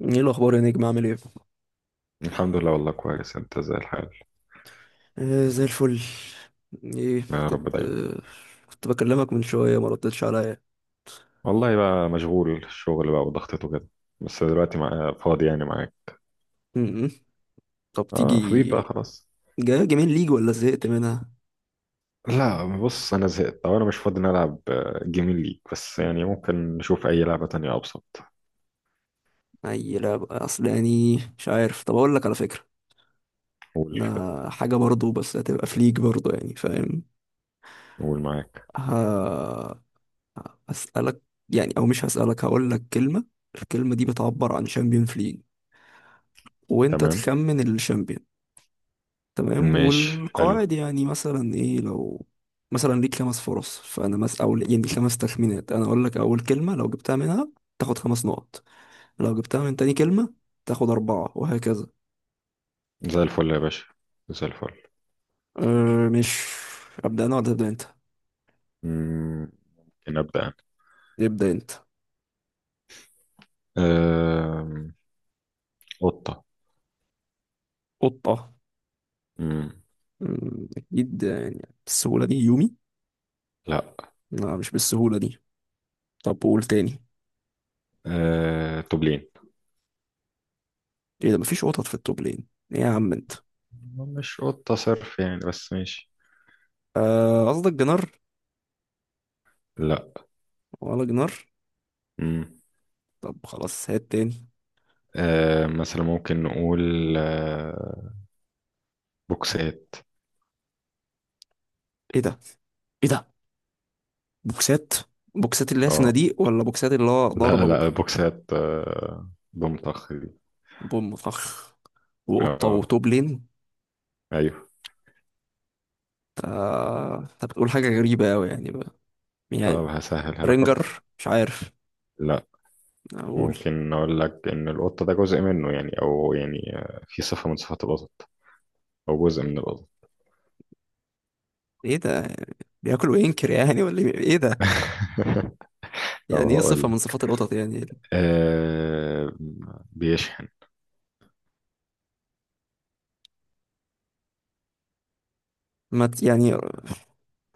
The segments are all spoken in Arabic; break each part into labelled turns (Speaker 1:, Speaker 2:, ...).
Speaker 1: ايه الاخبار يا نجم، عامل ايه؟
Speaker 2: الحمد لله، والله كويس. انت زي الحال؟
Speaker 1: آه، زي الفل. ايه،
Speaker 2: يا رب
Speaker 1: كنت
Speaker 2: دايما.
Speaker 1: آه كنت بكلمك من شويه ما ردتش عليا.
Speaker 2: والله بقى مشغول، الشغل بقى وضغطته كده. بس دلوقتي فاضي يعني معاك.
Speaker 1: م- م. طب
Speaker 2: اه، فضيت بقى
Speaker 1: تيجي؟
Speaker 2: خلاص.
Speaker 1: جاي جيمين ليج ولا زهقت منها؟
Speaker 2: لا بص، انا زهقت او انا مش فاضي نلعب، جيمين ليك، بس يعني ممكن نشوف اي لعبة تانية ابسط.
Speaker 1: اي لعبه، اصل يعني مش عارف. طب اقول لك على فكره،
Speaker 2: قول
Speaker 1: ده
Speaker 2: كده.
Speaker 1: حاجه برضو، بس هتبقى في ليج برضو، يعني فاهم؟
Speaker 2: قول معاك.
Speaker 1: ه... هسألك، يعني، او مش هسألك، هقول لك كلمه. الكلمه دي بتعبر عن شامبيون في ليج، وانت
Speaker 2: تمام.
Speaker 1: تخمن الشامبيون. تمام.
Speaker 2: ماشي حلو.
Speaker 1: والقواعد يعني، مثلا ايه، لو مثلا ليك خمس فرص، فانا مس او يعني ليك خمس تخمينات. انا اقول لك اول كلمه، لو جبتها منها تاخد خمس نقط، لو جبتها من تاني كلمه تاخد اربعه، وهكذا.
Speaker 2: زي الفل يا باشا، زي الفل.
Speaker 1: أه مش ابدا انا ولا تبدا انت؟
Speaker 2: مم، ممكن ابدا انا.
Speaker 1: ابدا انت.
Speaker 2: آم، قطة.
Speaker 1: قطه؟
Speaker 2: مم.
Speaker 1: اكيد يعني، بالسهوله دي يومي؟
Speaker 2: لا.
Speaker 1: لا، مش بالسهوله دي. طب قول تاني.
Speaker 2: توبلين.
Speaker 1: ايه ده؟ مفيش قطط في التوب لين. ايه يا عم انت؟
Speaker 2: مش قطة صرف يعني، بس ماشي.
Speaker 1: آه، قصدك جنار؟
Speaker 2: لا.
Speaker 1: ولا جنار.
Speaker 2: مم.
Speaker 1: طب خلاص، هات تاني.
Speaker 2: مثلا ممكن نقول، آه بوكسات.
Speaker 1: ايه ده؟ ايه ده بوكسات؟ بوكسات اللي هي
Speaker 2: اه.
Speaker 1: صناديق ولا بوكسات اللي هو ضرب
Speaker 2: لا لا،
Speaker 1: بوك؟
Speaker 2: بوكسات. ضمطخ دي.
Speaker 1: بوم فخ، وقطة،
Speaker 2: اه.
Speaker 1: وتوب لين.
Speaker 2: ايوه.
Speaker 1: ف- انت بتقول حاجة غريبة أوي يعني بقى. يعني،
Speaker 2: طب هسهلها لك
Speaker 1: رينجر،
Speaker 2: اكتر.
Speaker 1: مش عارف
Speaker 2: لا،
Speaker 1: أقول.
Speaker 2: ممكن اقول لك ان القطه ده جزء منه يعني، او في صفه من صفات القطط، او جزء من القطط.
Speaker 1: إيه ده؟ بياكل وينكر يعني؟ ولا إيه؟ إيه ده؟
Speaker 2: طب
Speaker 1: يعني إيه
Speaker 2: هقول
Speaker 1: صفة من
Speaker 2: لك،
Speaker 1: صفات القطط يعني؟
Speaker 2: آه بيشحن.
Speaker 1: ما ت- يعني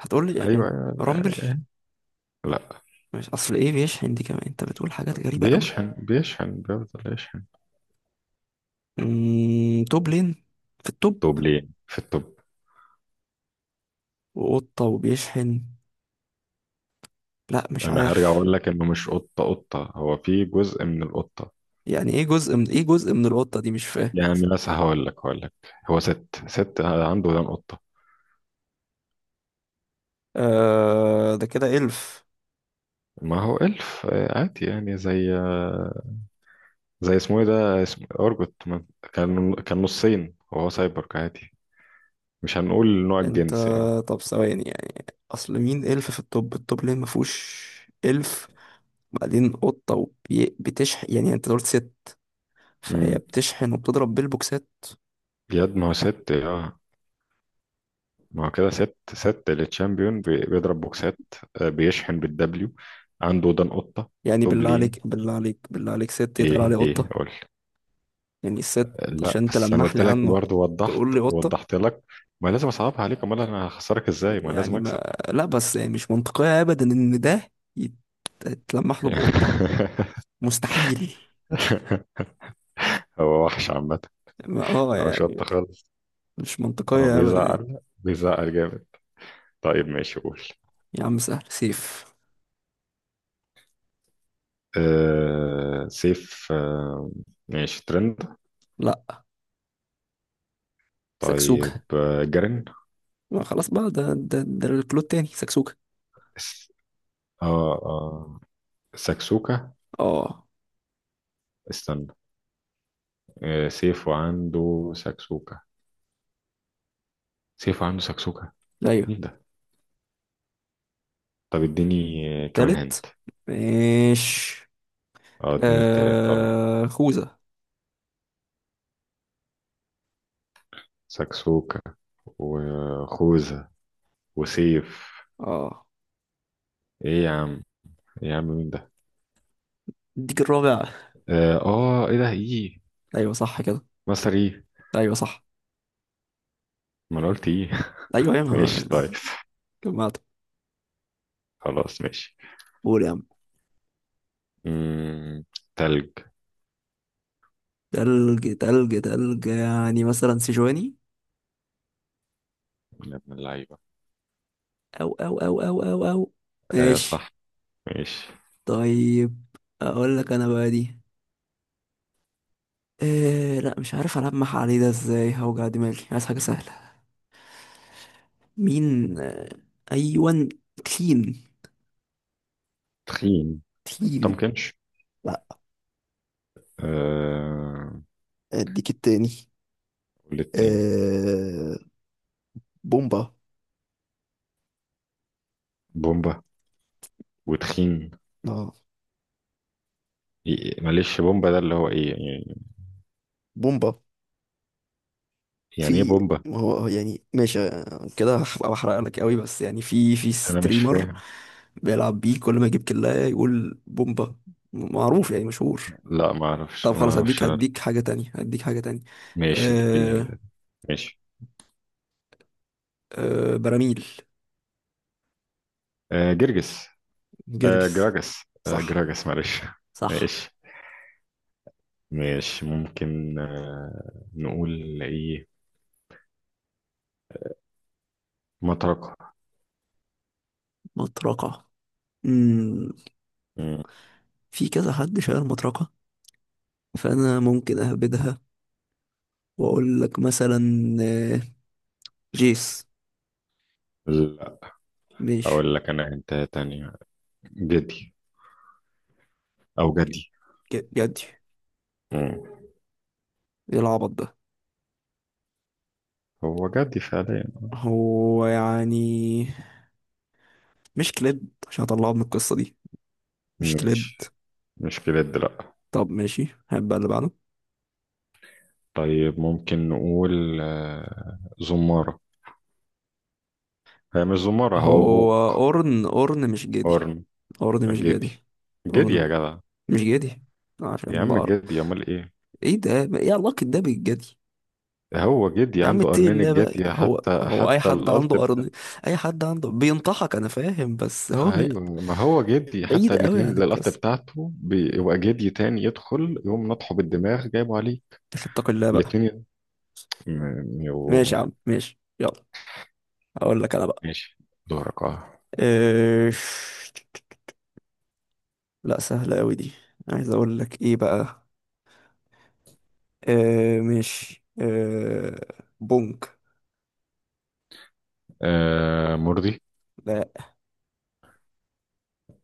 Speaker 1: هتقول لي
Speaker 2: ايوه
Speaker 1: يعني؟
Speaker 2: أيوة،
Speaker 1: رامبل؟
Speaker 2: آه، آه. لا،
Speaker 1: مش، أصل إيه بيشحن دي كمان، أنت بتقول حاجات غريبة أوي.
Speaker 2: بيشحن بيفضل يشحن.
Speaker 1: توب لين في التوب،
Speaker 2: طوب ليه في الطب.
Speaker 1: وقطة وبيشحن؟ لا، مش
Speaker 2: انا هرجع
Speaker 1: عارف.
Speaker 2: اقول لك انه مش قطه، هو في جزء من القطه.
Speaker 1: يعني ايه جزء من ايه، جزء من القطة دي؟ مش فاهم.
Speaker 2: يعني مثلا هقول لك، هو ست عنده ودان قطه.
Speaker 1: آه، ده كده إلف.
Speaker 2: ما هو الف، عادي يعني، زي، زي اسمه ايه ده، اسم ارجوت كان نصين وهو سايبورغ عادي، مش هنقول نوع
Speaker 1: انت،
Speaker 2: الجنس يعني.
Speaker 1: طب، ثواني يعني. اصل مين إلف في الطب؟ ليه ما فيهوش إلف؟ بعدين قطة وبتشحن، يعني انت قلت ست، فهي
Speaker 2: امم
Speaker 1: بتشحن وبتضرب بالبوكسات؟
Speaker 2: يد، ما هو ست اه ما هو كده ست، التشامبيون بيضرب بوكسات. بيشحن بالدبليو، عنده ودان قطه.
Speaker 1: يعني
Speaker 2: طوب
Speaker 1: بالله
Speaker 2: لين.
Speaker 1: عليك، بالله عليك، بالله عليك، ست يتقال
Speaker 2: ايه
Speaker 1: عليه
Speaker 2: ايه
Speaker 1: قطة؟
Speaker 2: قول.
Speaker 1: يعني الست،
Speaker 2: لا
Speaker 1: عشان
Speaker 2: بس، انا
Speaker 1: تلمح
Speaker 2: قلت
Speaker 1: لي
Speaker 2: لك
Speaker 1: عنه
Speaker 2: برضه، وضحت
Speaker 1: تقول لي قطة؟
Speaker 2: وضحت لك. ما لازم اصعبها عليك، امال انا هخسرك ازاي؟ ما لازم
Speaker 1: يعني
Speaker 2: اكسب.
Speaker 1: ما لا، بس يعني مش منطقية ابدا ان ده يتلمح له بقطة. مستحيل.
Speaker 2: هو وحش عامه، هو شط
Speaker 1: يعني
Speaker 2: خالص،
Speaker 1: مش
Speaker 2: هو
Speaker 1: منطقية أبدا يعني.
Speaker 2: بيزعل بيزعل جامد. طيب ماشي، قول.
Speaker 1: يا عم سهل، سيف.
Speaker 2: سيف. ماشي، ترند.
Speaker 1: لا.
Speaker 2: طيب،
Speaker 1: سكسوكة.
Speaker 2: جرين.
Speaker 1: ما خلاص بقى، ده الكلود تاني، سكسوكة.
Speaker 2: اس- اه اه، ساكسوكا.
Speaker 1: اه.
Speaker 2: استنى. سيف وعنده ساكسوكا، سيف وعنده ساكسوكا.
Speaker 1: أيوه.
Speaker 2: مين ده؟ طب اديني، كمان
Speaker 1: تالت.
Speaker 2: هنت.
Speaker 1: ماشي.
Speaker 2: اه، اديني التالت اه
Speaker 1: خوذة.
Speaker 2: سكسوكة وخوذة وسيف.
Speaker 1: اه.
Speaker 2: ايه يا عم؟ إيه يا عم، مين ده؟
Speaker 1: اديك الرابع.
Speaker 2: ايه ده، ايه؟
Speaker 1: أيوه صح كده.
Speaker 2: مصر ايه؟
Speaker 1: أيوه صح.
Speaker 2: ما انا قلت ايه.
Speaker 1: أيوه،
Speaker 2: ماشي
Speaker 1: أيوه.
Speaker 2: طيب.
Speaker 1: جمعت.
Speaker 2: خلاص ماشي.
Speaker 1: قول يا عم.
Speaker 2: مم. تلج.
Speaker 1: تلج، تلج، تلج، يعني مثلا سيجواني.
Speaker 2: يا ابن اللعيبة.
Speaker 1: أو، أو، أو، أو، أو، أو. ماشي.
Speaker 2: صح، ماشي.
Speaker 1: طيب، أقول لك أنا بقى دي، إيه؟ لا، مش عارف ألمح عليه ده ازاي، هوجع دماغي، عايز حاجة سهلة. مين؟ أيوان. تين.
Speaker 2: تخين،
Speaker 1: تين.
Speaker 2: متمكنش.
Speaker 1: لا.
Speaker 2: آه
Speaker 1: اديك التاني.
Speaker 2: والتاني؟
Speaker 1: آه بومبا.
Speaker 2: بومبا وتخين.
Speaker 1: اه،
Speaker 2: معلش، بومبا ده اللي هو ايه يعني؟
Speaker 1: بومبا.
Speaker 2: يعني ايه
Speaker 1: في
Speaker 2: بومبا؟
Speaker 1: ما هو يعني ماشي، كده هبقى بحرق لك قوي، بس يعني في
Speaker 2: انا مش
Speaker 1: ستريمر
Speaker 2: فاهم.
Speaker 1: بيلعب بيه، كل ما يجيب كلاية يقول بومبا، معروف يعني، مشهور.
Speaker 2: لا، ما اعرفش
Speaker 1: طب
Speaker 2: ما
Speaker 1: خلاص،
Speaker 2: اعرفش
Speaker 1: هديك
Speaker 2: انا.
Speaker 1: هديك حاجة تانية، هديك حاجة تانية.
Speaker 2: ماشي اديني
Speaker 1: آه.
Speaker 2: ده. ماشي.
Speaker 1: براميل.
Speaker 2: جرجس.
Speaker 1: جرجس.
Speaker 2: جراجس
Speaker 1: صح.
Speaker 2: جراجس معلش.
Speaker 1: صح.
Speaker 2: ماشي. ماشي ممكن نقول ايه؟ مطرقة.
Speaker 1: مطرقة. مم.
Speaker 2: مم.
Speaker 1: في كذا حد شايل مطرقة، فأنا ممكن أهبدها وأقول لك مثلا، آه، جيس.
Speaker 2: لا،
Speaker 1: مش.
Speaker 2: اقول لك انا انت تانية. جدي، او
Speaker 1: ج-
Speaker 2: جدي.
Speaker 1: جدي؟
Speaker 2: مم.
Speaker 1: ايه العبط ده؟
Speaker 2: هو جدي فعليا.
Speaker 1: هو يعني مش كليد عشان اطلعه من القصة دي؟ مش
Speaker 2: ماشي.
Speaker 1: كليد.
Speaker 2: مش بجد، لا.
Speaker 1: طب ماشي، هبقى اللي بعده.
Speaker 2: طيب ممكن نقول زمارة. هي مش زمارة، هو
Speaker 1: هو
Speaker 2: ابوك
Speaker 1: اورن، مش جدي.
Speaker 2: قرن.
Speaker 1: اورن مش جدي.
Speaker 2: جدي. جدي
Speaker 1: اورن م-
Speaker 2: يا جدع.
Speaker 1: مش جدي
Speaker 2: يا
Speaker 1: عشان
Speaker 2: عم
Speaker 1: بقر.
Speaker 2: جدي، امال ايه؟
Speaker 1: ايه ده؟ ما ايه علاقة ده بالجدي؟
Speaker 2: هو جدي
Speaker 1: يا عم
Speaker 2: عنده
Speaker 1: اتقي
Speaker 2: قرنين،
Speaker 1: الله بقى،
Speaker 2: الجدي،
Speaker 1: هو
Speaker 2: حتى
Speaker 1: هو اي
Speaker 2: حتى
Speaker 1: حد
Speaker 2: القلط.
Speaker 1: عنده قرن، اي حد عنده بينطحك؟ انا فاهم، بس هو
Speaker 2: ايوه، ما هو جدي، حتى
Speaker 1: بعيد قوي
Speaker 2: الاتنين
Speaker 1: عن
Speaker 2: للقط
Speaker 1: القصه.
Speaker 2: بتاعته بيبقى جدي تاني يدخل يقوم نطحه بالدماغ جايبه عليه.
Speaker 1: اتق الله بقى.
Speaker 2: الاتنين
Speaker 1: ماشي
Speaker 2: يبقوا.
Speaker 1: يا عم، ماشي، يلا هقول لك انا بقى.
Speaker 2: ماشي، دورك اه
Speaker 1: اه... لا، سهله قوي دي. عايز اقول لك ايه بقى؟ اه... ماشي، بونك.
Speaker 2: مرضي.
Speaker 1: لا.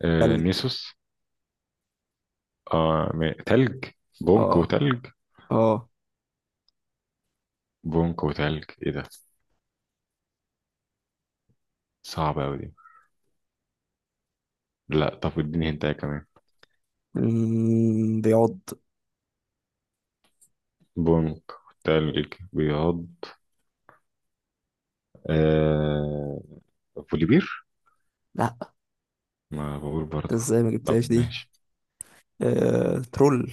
Speaker 1: ثلج.
Speaker 2: نيسوس. تلج. بونك
Speaker 1: اه.
Speaker 2: وتلج.
Speaker 1: اه.
Speaker 2: بونك وتلج، ايه ده؟ صعبة اوي دي. لا، طب اديني هنتايه كمان.
Speaker 1: بيعض.
Speaker 2: بونك، تلج، بياض. آه بوليبير.
Speaker 1: لا.
Speaker 2: ما بقول
Speaker 1: ده
Speaker 2: برضه.
Speaker 1: ازاي ما
Speaker 2: طب
Speaker 1: جبتهاش دي؟
Speaker 2: ماشي.
Speaker 1: اه... ترول.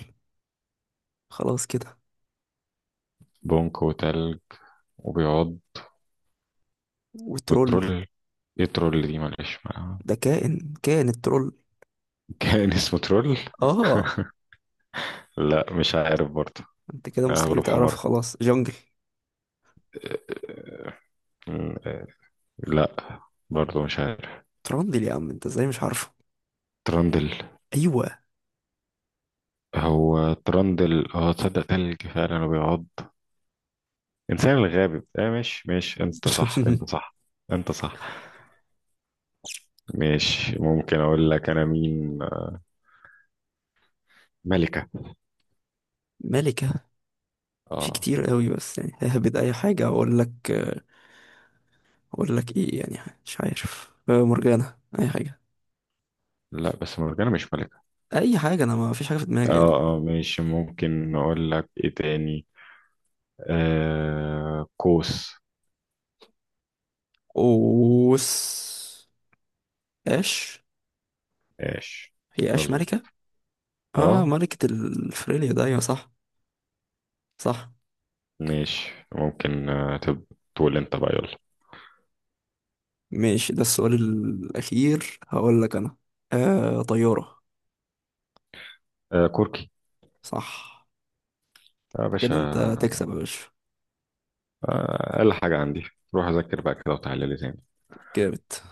Speaker 1: خلاص كده.
Speaker 2: بونك وتلج وبياض.
Speaker 1: وترول.
Speaker 2: بترول. ايه ترول دي؟ معلش.
Speaker 1: ده كائن، الترول.
Speaker 2: كان اسمه ترول.
Speaker 1: اه.
Speaker 2: لا مش عارف برضه.
Speaker 1: انت كده
Speaker 2: انا
Speaker 1: مستحيل
Speaker 2: غلوب
Speaker 1: تعرف،
Speaker 2: حمار.
Speaker 1: خلاص، جونجل.
Speaker 2: م- لا، برضه مش عارف.
Speaker 1: تراندل، يا عم انت ازاي مش عارفه؟
Speaker 2: ترندل.
Speaker 1: ايوه.
Speaker 2: هو ترندل، تصدق تلج فعلا وبيعض. انسان الغابي، مش انت صح، انت صح، انت صح. مش ممكن اقول لك انا مين. ملكة.
Speaker 1: ملكة. في
Speaker 2: اه.
Speaker 1: كتير قوي، بس يعني ههبد اي حاجة اقول لك. اقول لك ايه يعني؟ مش عارف، مرجانة، اي حاجة.
Speaker 2: لا بس مرجانة مش ملكة.
Speaker 1: اي حاجة، انا ما فيش حاجة في دماغي يعني.
Speaker 2: اه اه، مش ممكن اقول لك ايه تاني. كوس.
Speaker 1: اوس. اش.
Speaker 2: ماشي،
Speaker 1: هي اش
Speaker 2: مظبوط.
Speaker 1: ملكة؟ اه،
Speaker 2: اه.
Speaker 1: ملكة الفريليا ده، ايوه صح. صح.
Speaker 2: ماشي ممكن تقول انت بقى يلا.
Speaker 1: ماشي. ده السؤال الاخير، هقول لك انا. طيارة.
Speaker 2: كركي
Speaker 1: صح
Speaker 2: يا باشا.
Speaker 1: كده. انت تكسب يا باشا.
Speaker 2: اقل حاجة عندي. روح اذاكر بقى كده وتعالى لي تاني.
Speaker 1: جامد.